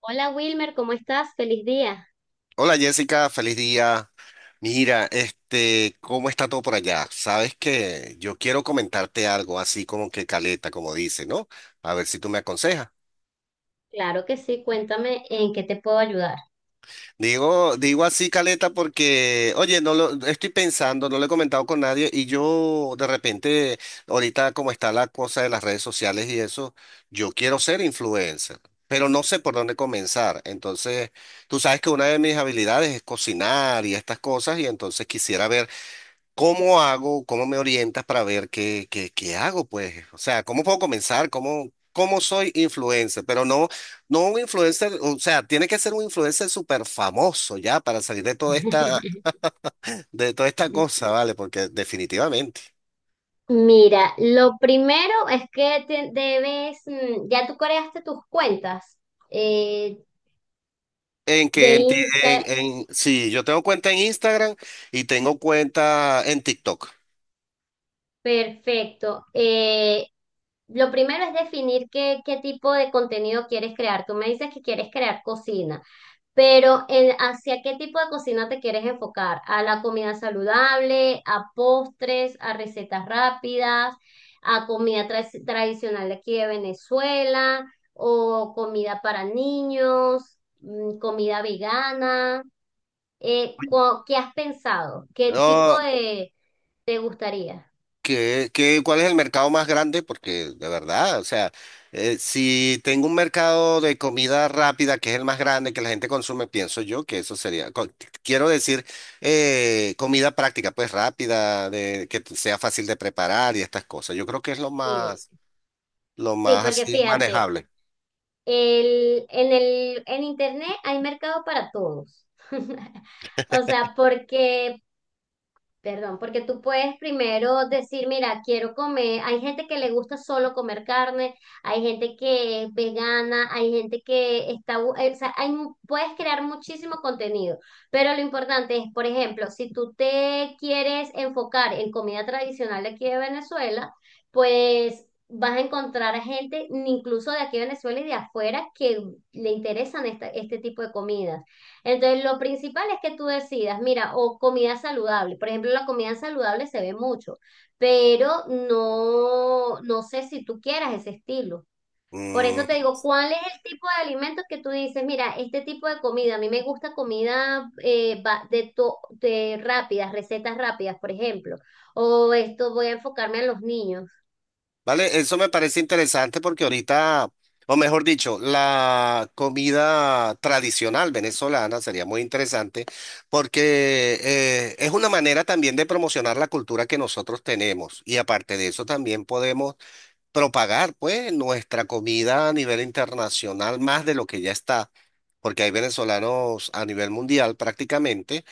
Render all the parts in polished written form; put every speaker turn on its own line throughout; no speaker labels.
Hola Wilmer, ¿cómo estás? Feliz día.
Hola Jessica, feliz día. Mira, este, ¿cómo está todo por allá? Sabes que yo quiero comentarte algo así como que caleta, como dice, ¿no? A ver si tú me aconsejas.
Claro que sí, cuéntame en qué te puedo ayudar.
Digo así caleta porque, oye, no lo estoy pensando, no lo he comentado con nadie y yo de repente, ahorita como está la cosa de las redes sociales y eso, yo quiero ser influencer, pero no sé por dónde comenzar. Entonces, tú sabes que una de mis habilidades es cocinar y estas cosas y entonces quisiera ver, ¿cómo hago? ¿Cómo me orientas para ver qué hago? Pues, o sea, ¿cómo puedo comenzar? ¿Cómo soy influencer? Pero no, no un influencer, o sea, tiene que ser un influencer súper famoso ya para salir de toda esta cosa, ¿vale? Porque definitivamente.
Mira, lo primero es que debes, ya tú creaste tus cuentas eh,
En
de
que en, ti-
Instagram.
en- sí, yo tengo cuenta en Instagram y tengo cuenta en TikTok.
Perfecto. Lo primero es definir qué, qué tipo de contenido quieres crear. Tú me dices que quieres crear cocina, pero ¿hacia qué tipo de cocina te quieres enfocar? ¿A la comida saludable, a postres, a recetas rápidas, a comida tradicional de aquí de Venezuela, o comida para niños, comida vegana? ¿Qué has pensado? ¿Qué tipo
No,
de te gustaría?
Cuál es el mercado más grande? Porque de verdad, o sea, si tengo un mercado de comida rápida que es el más grande que la gente consume, pienso yo que eso sería, quiero decir, comida práctica, pues rápida, de, sea fácil de preparar y estas cosas. Yo creo que es
Sí.
lo
Sí,
más
porque
así
fíjate,
manejable.
el, en internet hay mercado para todos. O sea, porque perdón, porque tú puedes primero decir, mira, quiero comer, hay gente que le gusta solo comer carne, hay gente que es vegana, hay gente que está, o sea, hay puedes crear muchísimo contenido, pero lo importante es, por ejemplo, si tú te quieres enfocar en comida tradicional de aquí de Venezuela, pues vas a encontrar a gente, incluso de aquí de Venezuela y de afuera, que le interesan este tipo de comidas. Entonces, lo principal es que tú decidas, mira, o comida saludable. Por ejemplo, la comida saludable se ve mucho, pero no, no sé si tú quieras ese estilo. Por eso te
Mm.
digo, ¿cuál es el tipo de alimentos que tú dices? Mira, este tipo de comida, a mí me gusta comida de rápidas, recetas rápidas, por ejemplo. O esto voy a enfocarme a los niños.
¿Vale? Eso me parece interesante porque ahorita, o mejor dicho, la comida tradicional venezolana sería muy interesante porque es una manera también de promocionar la cultura que nosotros tenemos y aparte de eso también podemos propagar pues nuestra comida a nivel internacional más de lo que ya está, porque hay venezolanos a nivel mundial prácticamente.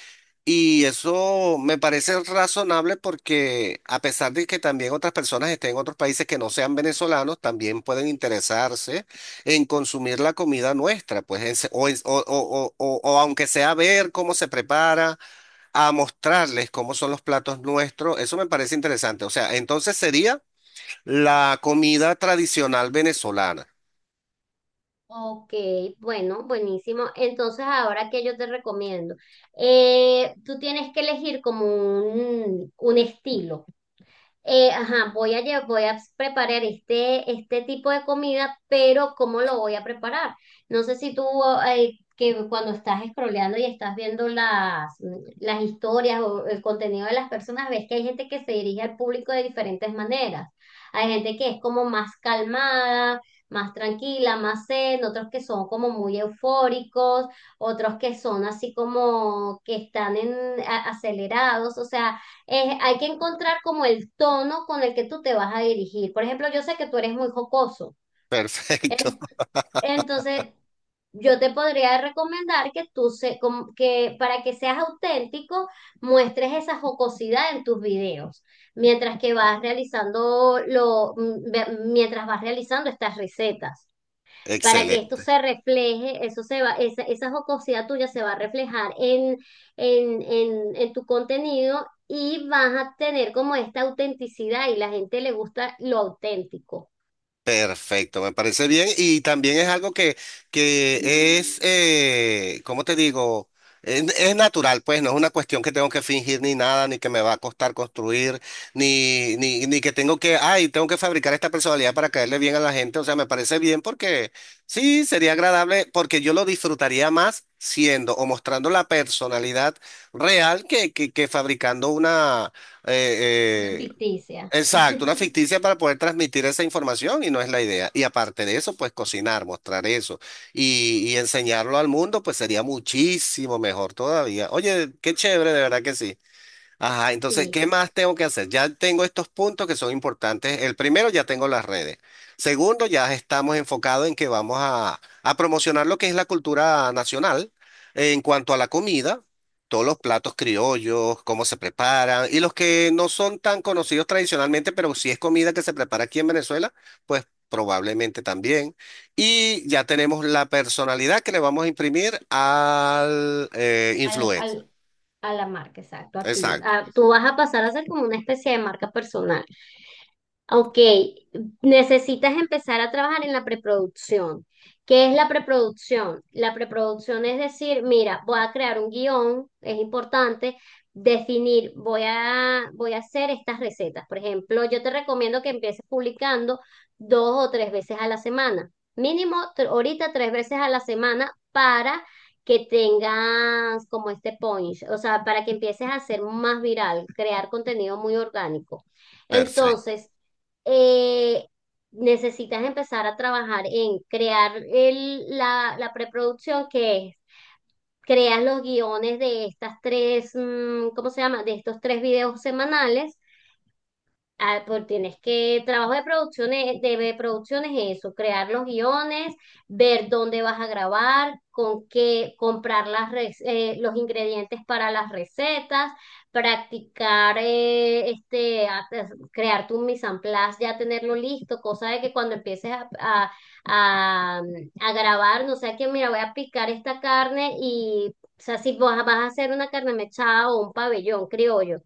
Y eso me parece razonable porque a pesar de que también otras personas estén en otros países que no sean venezolanos, también pueden interesarse en consumir la comida nuestra, pues en se- o, en- o- o aunque sea ver cómo se prepara, a mostrarles cómo son los platos nuestros, eso me parece interesante. O sea, entonces sería la comida tradicional venezolana.
Ok, bueno, buenísimo. Entonces, ahora que yo te recomiendo, tú tienes que elegir como un estilo, ajá, voy a, voy a preparar este, este tipo de comida, pero ¿cómo lo voy a preparar? No sé si tú, que cuando estás scrolleando y estás viendo las historias o el contenido de las personas, ves que hay gente que se dirige al público de diferentes maneras. Hay gente que es como más calmada, más tranquila, más zen, otros que son como muy eufóricos, otros que son así como que están en, acelerados, o sea, hay que encontrar como el tono con el que tú te vas a dirigir. Por ejemplo, yo sé que tú eres muy jocoso.
Perfecto,
En- Entonces, yo te podría recomendar que que para que seas auténtico, muestres esa jocosidad en tus videos, mientras que vas realizando mientras vas realizando estas recetas para que esto
excelente.
se refleje, eso se va, esa jocosidad tuya se va a reflejar en tu contenido y vas a tener como esta autenticidad y la gente le gusta lo auténtico,
Perfecto, me parece bien. Y también es algo que es, ¿cómo te digo? Es natural, pues no es una cuestión que tengo que fingir ni nada, ni que me va a costar construir, ni que tengo que, ay, tengo que fabricar esta personalidad para caerle bien a la gente. O sea, me parece bien porque sí, sería agradable, porque yo lo disfrutaría más siendo o mostrando la personalidad real que fabricando una...
una
eh, eh,
ficticia.
exacto, una ficticia para poder transmitir esa información y no es la idea. Y aparte de eso, pues cocinar, mostrar eso y enseñarlo al mundo, pues sería muchísimo mejor todavía. Oye, qué chévere, de verdad que sí. Ajá, entonces,
Sí,
¿qué más tengo que hacer? Ya tengo estos puntos que son importantes. El primero, ya tengo las redes. Segundo, ya estamos enfocados en que vamos a promocionar lo que es la cultura nacional en cuanto a la comida, todos los platos criollos, cómo se preparan y los que no son tan conocidos tradicionalmente, pero si es comida que se prepara aquí en Venezuela, pues probablemente también. Y ya tenemos la personalidad que le vamos a imprimir al
al,
influencer.
al, a la marca, exacto, a ti.
Exacto,
Tú vas a pasar a ser como una especie de marca personal. Ok, necesitas empezar a trabajar en la preproducción. ¿Qué es la preproducción? La preproducción es decir, mira, voy a crear un guión, es importante definir, voy a, voy a hacer estas recetas. Por ejemplo, yo te recomiendo que empieces publicando 2 o 3 veces a la semana, mínimo ahorita 3 veces a la semana para que tengas como este punch, o sea, para que empieces a hacer más viral, crear contenido muy orgánico.
perfecto.
Entonces, eh, necesitas empezar a trabajar en crear el, la preproducción, que es, creas los guiones de estas tres, ¿cómo se llama? De estos 3 videos semanales. Ah, pues trabajo de producciones es eso, crear los guiones, ver dónde vas a grabar, con qué, comprar las, los ingredientes para las recetas, practicar, pues, crear tu mise en place, ya tenerlo listo, cosa de que cuando empieces a, a grabar, no sea que, mira, voy a picar esta carne y, o sea, si vas, vas a hacer una carne mechada o un pabellón criollo,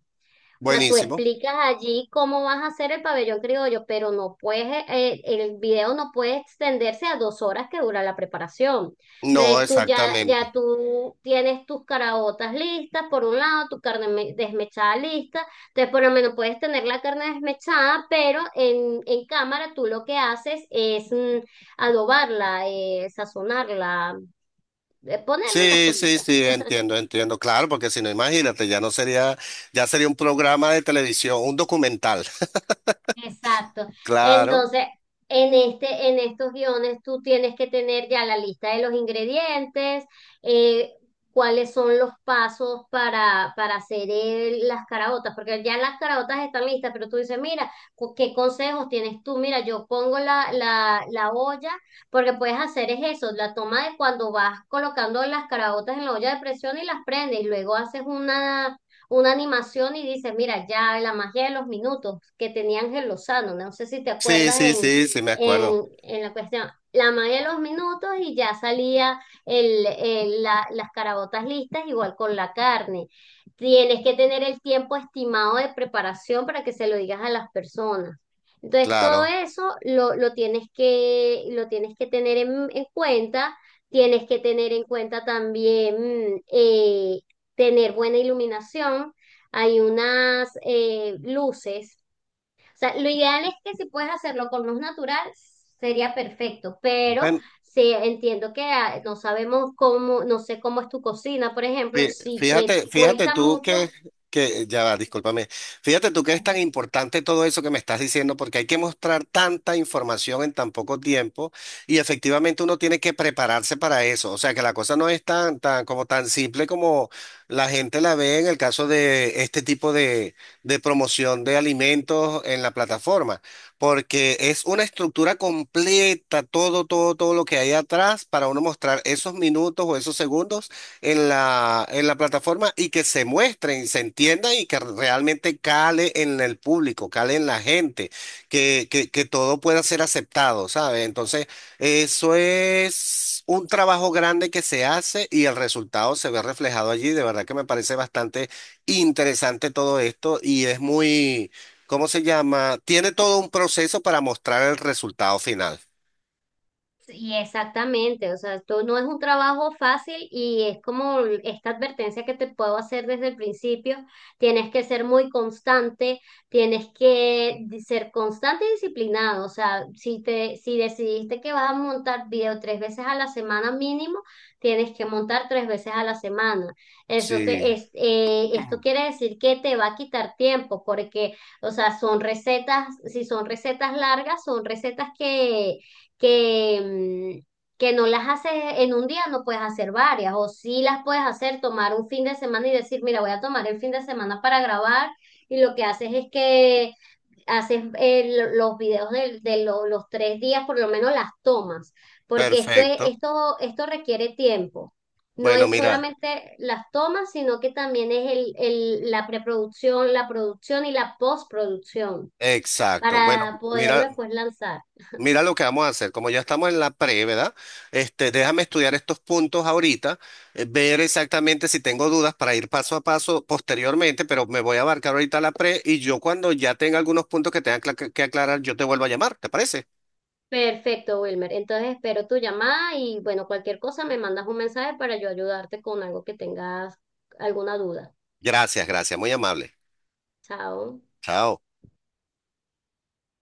o sea, tú
Buenísimo.
explicas allí cómo vas a hacer el pabellón criollo, pero no puedes, el video no puede extenderse a 2 horas que dura la preparación.
No,
Entonces tú ya, ya
exactamente.
tú tienes tus caraotas listas, por un lado, tu carne desmechada lista. Entonces por lo menos puedes tener la carne desmechada, pero en cámara tú lo que haces es adobarla, sazonarla, ponerle las
Sí, sí,
cositas.
sí, entiendo, entiendo. Claro, porque si no, imagínate, ya no sería, ya sería un programa de televisión, un documental.
Exacto.
Claro.
Entonces, en estos guiones tú tienes que tener ya la lista de los ingredientes, eh, cuáles son los pasos para hacer las caraotas, porque ya las caraotas están listas, pero tú dices, mira, ¿qué consejos tienes tú? Mira, yo pongo la olla, porque puedes hacer es eso, la toma de cuando vas colocando las caraotas en la olla de presión y las prendes, y luego haces una animación y dice, mira, ya la magia de los minutos que tenía Ángel Lozano, no sé si te
Sí,
acuerdas
sí,
en,
sí, sí, me acuerdo.
en la cuestión, la magia de los minutos y ya salía las carabotas listas igual con la carne. Tienes que tener el tiempo estimado de preparación para que se lo digas a las personas. Entonces, todo
Claro.
eso lo tienes que tener en cuenta. Tienes que tener en cuenta también tener buena iluminación, hay unas luces. O sea, lo ideal es que si puedes hacerlo con luz natural, sería perfecto, pero
Bueno,
si entiendo que no sabemos cómo, no sé cómo es tu cocina, por ejemplo, si te
Fíjate, fíjate
cuesta
tú
mucho.
ya va, discúlpame, fíjate tú que es tan importante todo eso que me estás diciendo porque hay que mostrar tanta información en tan poco tiempo y efectivamente uno tiene que prepararse para eso, o sea que la cosa no es tan, tan, como tan simple como la gente la ve en el caso de este tipo de promoción de alimentos en la plataforma, porque es una estructura completa, todo, todo, todo lo que hay atrás para uno mostrar esos minutos o esos segundos en la plataforma y que se muestren, se entiendan y que realmente cale en el público, cale en la gente, que todo pueda ser aceptado, ¿sabes? Entonces, eso es un trabajo grande que se hace y el resultado se ve reflejado allí. De verdad que me parece bastante interesante todo esto y es muy, ¿cómo se llama? Tiene todo un proceso para mostrar el resultado final.
Y exactamente, o sea, esto no es un trabajo fácil y es como esta advertencia que te puedo hacer desde el principio, tienes que ser muy constante, tienes que ser constante y disciplinado, o sea, si te, si decidiste que vas a montar video 3 veces a la semana mínimo, tienes que montar 3 veces a la semana. Eso
Sí.
te, es, esto quiere decir que te va a quitar tiempo porque, o sea, son recetas, si son recetas largas, son recetas que que, mm, que no las haces en un día, no puedes hacer varias, o sí las puedes hacer, tomar un fin de semana y decir, mira, voy a tomar el fin de semana para grabar, y lo que haces es que haces los videos los 3 días, por lo menos las tomas, porque esto es,
Perfecto.
esto requiere tiempo. No
Bueno,
es
mira.
solamente las tomas, sino que también es el, la preproducción, la producción y la postproducción
Exacto. Bueno,
para poderlo
mira,
después lanzar.
mira lo que vamos a hacer. Como ya estamos en la pre, ¿verdad? Este, déjame estudiar estos puntos ahorita, ver exactamente si tengo dudas para ir paso a paso posteriormente, pero me voy a abarcar ahorita la pre y yo cuando ya tenga algunos puntos que tenga que aclarar, yo te vuelvo a llamar, ¿te parece?
Perfecto, Wilmer. Entonces espero tu llamada y bueno, cualquier cosa me mandas un mensaje para yo ayudarte con algo que tengas alguna duda.
Gracias, gracias, muy amable.
Chao.
Chao.